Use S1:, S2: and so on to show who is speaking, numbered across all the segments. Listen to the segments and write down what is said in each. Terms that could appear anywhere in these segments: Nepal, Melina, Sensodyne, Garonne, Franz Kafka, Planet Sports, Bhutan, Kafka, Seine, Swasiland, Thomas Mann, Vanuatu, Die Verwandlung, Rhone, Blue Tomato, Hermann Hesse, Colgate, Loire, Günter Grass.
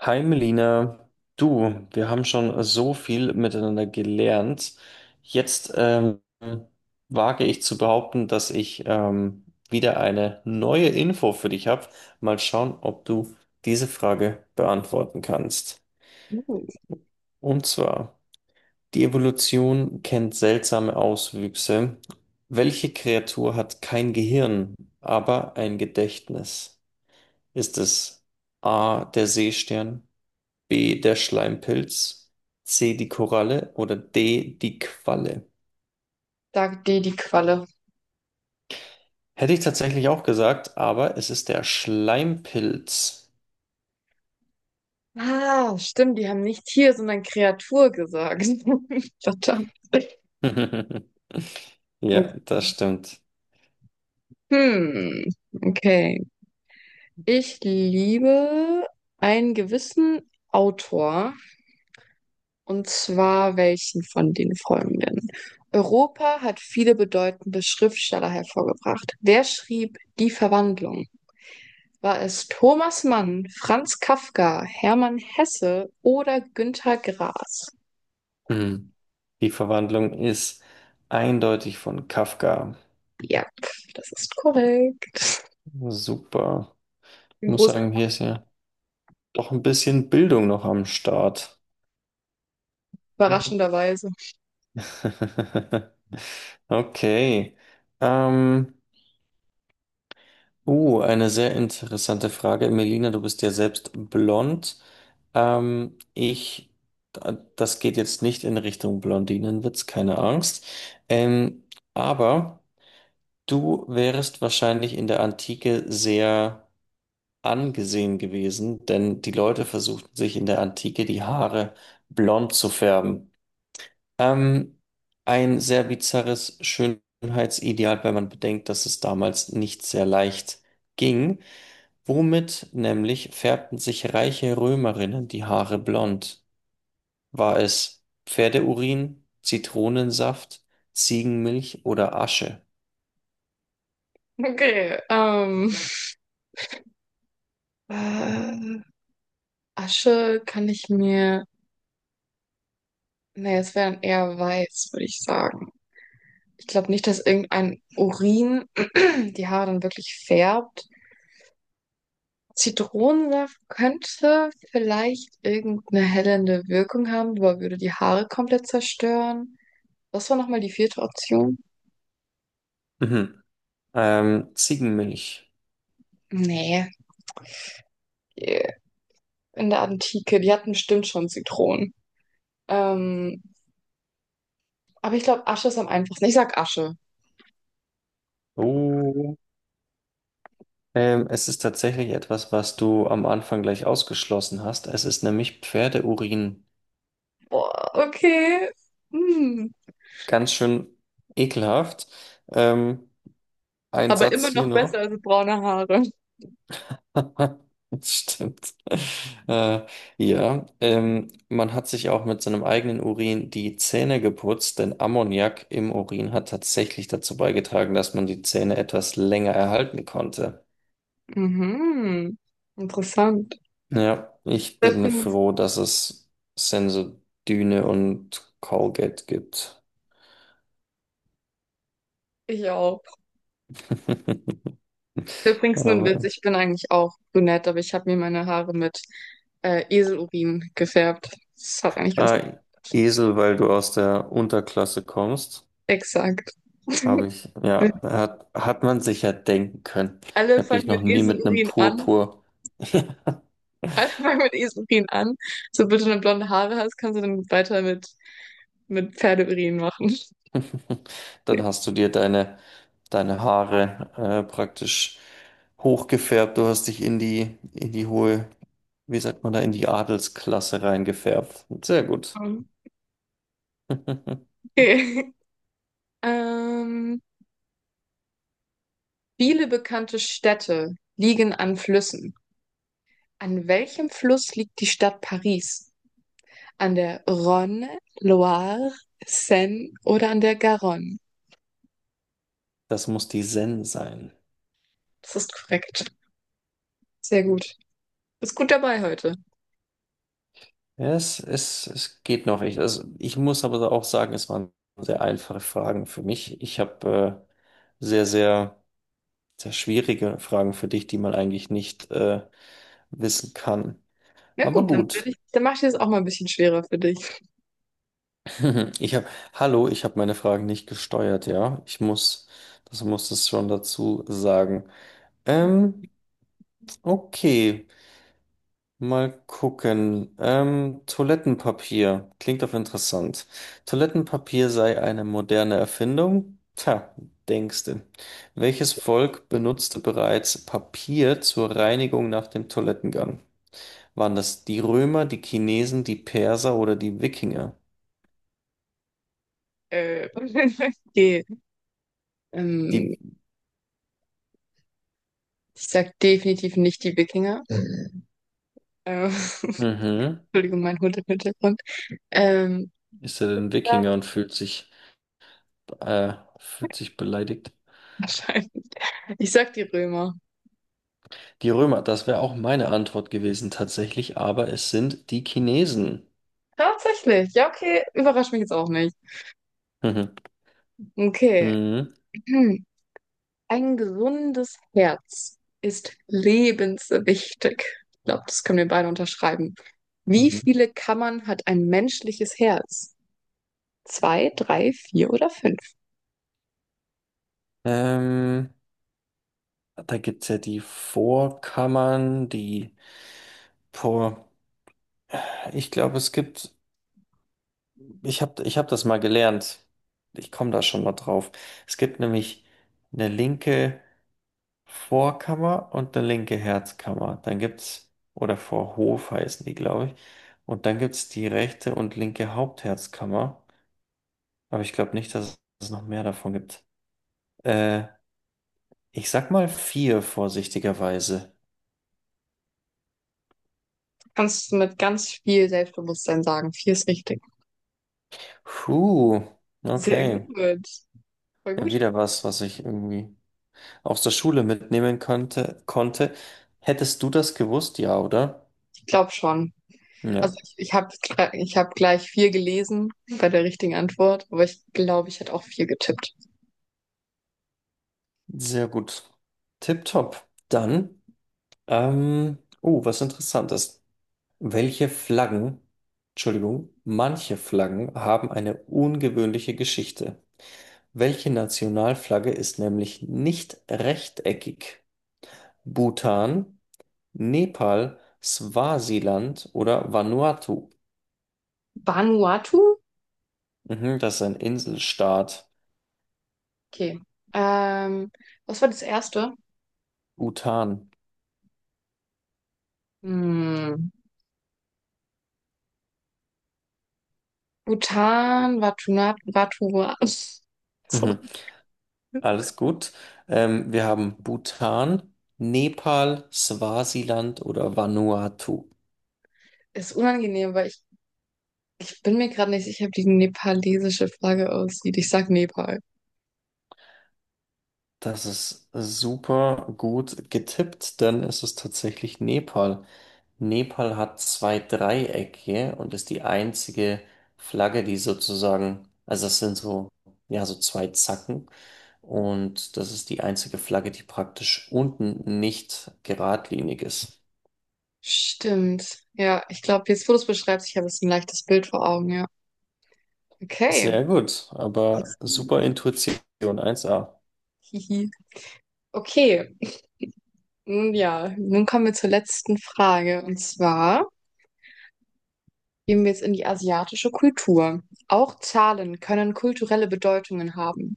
S1: Hi Melina, du, wir haben schon so viel miteinander gelernt. Jetzt wage ich zu behaupten, dass ich wieder eine neue Info für dich habe. Mal schauen, ob du diese Frage beantworten kannst.
S2: Hm.
S1: Und zwar, die Evolution kennt seltsame Auswüchse. Welche Kreatur hat kein Gehirn, aber ein Gedächtnis? Ist es A, der Seestern? B, der Schleimpilz, C, die Koralle oder D, die Qualle.
S2: Sagt dir die Qualle.
S1: Hätte ich tatsächlich auch gesagt, aber es ist der Schleimpilz.
S2: Ah, stimmt, die haben nicht Tier, sondern Kreatur gesagt. Verdammt.
S1: Ja, das stimmt.
S2: Hm, okay. Ich liebe einen gewissen Autor, und zwar welchen von den folgenden? Europa hat viele bedeutende Schriftsteller hervorgebracht. Wer schrieb Die Verwandlung? War es Thomas Mann, Franz Kafka, Hermann Hesse oder Günter Grass?
S1: Hm. Die Verwandlung ist eindeutig von Kafka.
S2: Ja, das ist korrekt.
S1: Super. Ich
S2: In
S1: muss
S2: großer
S1: sagen, hier ist ja doch ein bisschen Bildung noch am Start.
S2: überraschenderweise.
S1: Okay. Ähm, Oh, eine sehr interessante Frage. Melina, du bist ja selbst blond. Ähm, ich, Das geht jetzt nicht in Richtung Blondinenwitz, keine Angst. Ähm, aber du wärest wahrscheinlich in der Antike sehr angesehen gewesen, denn die Leute versuchten sich in der Antike die Haare blond zu färben. Ähm, ein sehr bizarres Schönheitsideal, wenn man bedenkt, dass es damals nicht sehr leicht ging. Womit nämlich färbten sich reiche Römerinnen die Haare blond? War es Pferdeurin, Zitronensaft, Ziegenmilch oder Asche?
S2: Okay, äh, Asche kann ich mir, nee, es wäre dann eher weiß, würde ich sagen. Ich glaube nicht, dass irgendein Urin die Haare dann wirklich färbt. Zitronensaft könnte vielleicht irgendeine hellende Wirkung haben, aber würde die Haare komplett zerstören. Was war nochmal die vierte Option?
S1: Mhm. Ziegenmilch.
S2: Nee, in der Antike, die hatten bestimmt schon Zitronen. Ähm, Aber ich glaube, Asche ist am einfachsten. Ich sag Asche.
S1: Oh. Es ist tatsächlich etwas, was du am Anfang gleich ausgeschlossen hast. Es ist nämlich Pferdeurin.
S2: Boah, okay. Hm.
S1: Ganz schön ekelhaft. Ähm, ein
S2: Aber
S1: Satz
S2: immer
S1: hier
S2: noch besser
S1: noch.
S2: als braune Haare.
S1: Das stimmt. Äh, ja, man hat sich auch mit seinem eigenen Urin die Zähne geputzt, denn Ammoniak im Urin hat tatsächlich dazu beigetragen, dass man die Zähne etwas länger erhalten konnte.
S2: Mhm. Interessant.
S1: Ja, ich bin
S2: Übrigens,
S1: froh, dass es Sensodyne und Colgate gibt.
S2: ich auch. Übrigens nur ein Witz,
S1: Aber,
S2: ich bin eigentlich auch brünett, aber ich habe mir meine Haare mit Eselurin gefärbt. Das hat eigentlich ganz
S1: ah,
S2: gut.
S1: Esel, weil du aus der Unterklasse kommst.
S2: Exakt.
S1: Habe ich, ja, hat man sich ja denken können. Ich
S2: Alle
S1: habe dich
S2: fangen
S1: noch
S2: mit
S1: nie mit einem
S2: Eselurin an.
S1: Purpur.
S2: Alle fangen mit Eselurin an. So, bitte, wenn du blonde Haare hast, kannst du dann weiter mit Pferdeurin machen. Ja.
S1: Dann hast du dir deine, deine Haare praktisch hochgefärbt. Du hast dich in die hohe, wie sagt man da, in die Adelsklasse reingefärbt. Sehr gut.
S2: Okay. Ähm, viele bekannte Städte liegen an Flüssen. An welchem Fluss liegt die Stadt Paris? An der Rhone, Loire, Seine oder an der Garonne?
S1: Das muss die Zen sein.
S2: Das ist korrekt. Sehr gut. Bist gut dabei heute.
S1: Ja, es geht noch. Ich, also ich muss aber auch sagen, es waren sehr einfache Fragen für mich. Ich habe äh, sehr, sehr. sehr schwierige Fragen für dich, die man eigentlich nicht wissen kann.
S2: Ja
S1: Aber
S2: gut, will
S1: gut.
S2: ich, dann mache ich das auch mal ein bisschen schwerer für dich.
S1: Ich habe, hallo, ich habe meine Fragen nicht gesteuert, ja. Ich muss, das muss es schon dazu sagen. Ähm, okay, mal gucken. Toilettenpapier klingt doch interessant. Toilettenpapier sei eine moderne Erfindung? Tja, denkste. Welches Volk benutzte bereits Papier zur Reinigung nach dem Toilettengang? Waren das die Römer, die Chinesen, die Perser oder die Wikinger?
S2: Äh, okay. Ähm,
S1: Die,
S2: ich sag definitiv nicht die Wikinger. Ähm,
S1: mhm.
S2: Entschuldigung, mein Hund im Hintergrund. Ähm,
S1: Ist er denn
S2: ja,
S1: Wikinger und fühlt sich beleidigt?
S2: wahrscheinlich. Ich sag die Römer.
S1: Die Römer, das wäre auch meine Antwort gewesen tatsächlich, aber es sind die Chinesen.
S2: Tatsächlich. Ja, okay. Überrascht mich jetzt auch nicht.
S1: Mhm.
S2: Okay.
S1: Mhm.
S2: Hm. Ein gesundes Herz ist lebenswichtig. Ich glaube, das können wir beide unterschreiben. Wie
S1: Mhm.
S2: viele Kammern hat ein menschliches Herz? Zwei, drei, vier oder fünf?
S1: Ähm, Da gibt es ja die Vorkammern, die Vor. Ich glaube, es gibt, ich hab das mal gelernt. Ich komme da schon mal drauf. Es gibt nämlich eine linke Vorkammer und eine linke Herzkammer. Dann gibt's, oder Vorhof heißen die, glaube ich. Und dann gibt's die rechte und linke Hauptherzkammer. Aber ich glaube nicht, dass es noch mehr davon gibt. Äh, Ich sag mal vier vorsichtigerweise.
S2: Kannst du mit ganz viel Selbstbewusstsein sagen. Vier ist richtig.
S1: Puh,
S2: Sehr
S1: okay.
S2: gut. Voll
S1: Ja,
S2: gut.
S1: wieder was, was ich irgendwie aus der Schule mitnehmen könnte, konnte. Hättest du das gewusst? Ja, oder?
S2: Ich glaube schon. Also
S1: Ja,
S2: ich habe ich hab gleich vier gelesen bei der richtigen Antwort, aber ich glaube, ich hätte auch vier getippt.
S1: sehr gut. Tipptopp. Dann, oh, was interessant ist. Welche Flaggen, Entschuldigung, manche Flaggen haben eine ungewöhnliche Geschichte. Welche Nationalflagge ist nämlich nicht rechteckig? Bhutan, Nepal, Swasiland oder Vanuatu?
S2: Vanuatu?
S1: Mhm, das ist ein Inselstaat.
S2: Okay. Ähm, was war das erste?
S1: Bhutan.
S2: Hm. Bhutan, Vatuna, Vatua. So.
S1: Mhm, alles gut. Wir haben Bhutan, Nepal, Swasiland oder Vanuatu.
S2: Ist unangenehm, ich bin mir gerade nicht sicher, wie die nepalesische Flagge aussieht. Ich sag Nepal.
S1: Das ist super gut getippt, denn es ist tatsächlich Nepal. Nepal hat zwei Dreiecke und ist die einzige Flagge, die sozusagen, also das sind so, ja, so zwei Zacken. Und das ist die einzige Flagge, die praktisch unten nicht geradlinig ist.
S2: Stimmt. Ja, ich glaube, jetzt, wo du es beschreibst, ich habe jetzt ein leichtes Bild vor Augen, ja. Okay.
S1: Sehr gut, aber super Intuition, eins a.
S2: Hihi. Okay. Nun ja, nun kommen wir zur letzten Frage. Und zwar gehen wir jetzt in die asiatische Kultur. Auch Zahlen können kulturelle Bedeutungen haben.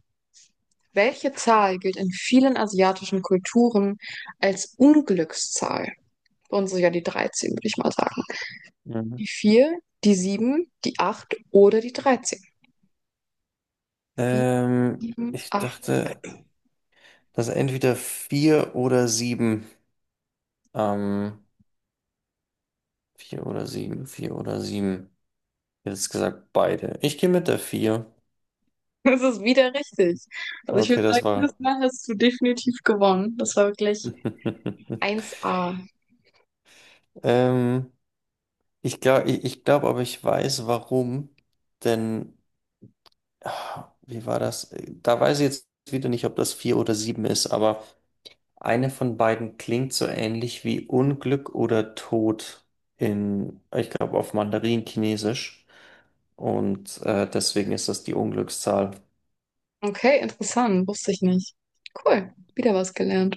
S2: Welche Zahl gilt in vielen asiatischen Kulturen als Unglückszahl? Bei uns ist ja die 13, würde ich mal sagen.
S1: Mhm.
S2: Die 4, die 7, die 8 oder die 13. 4, 7,
S1: Ich
S2: 8.
S1: dachte, dass entweder vier oder sieben. Ähm, Vier oder sieben, vier oder sieben. Jetzt gesagt beide. Ich gehe mit der vier.
S2: Das ist wieder richtig. Also ich
S1: Okay,
S2: würde sagen,
S1: das
S2: das
S1: war.
S2: Mal hast du definitiv gewonnen. Das war wirklich eins a.
S1: Ähm, Ich glaube, ich glaube, aber ich weiß warum. Denn, ah, wie war das? Da weiß ich jetzt wieder nicht, ob das vier oder sieben ist, aber eine von beiden klingt so ähnlich wie Unglück oder Tod in, ich glaube, auf Mandarin-Chinesisch. Und deswegen ist das die Unglückszahl.
S2: Okay, interessant. Wusste ich nicht. Cool. Wieder was gelernt.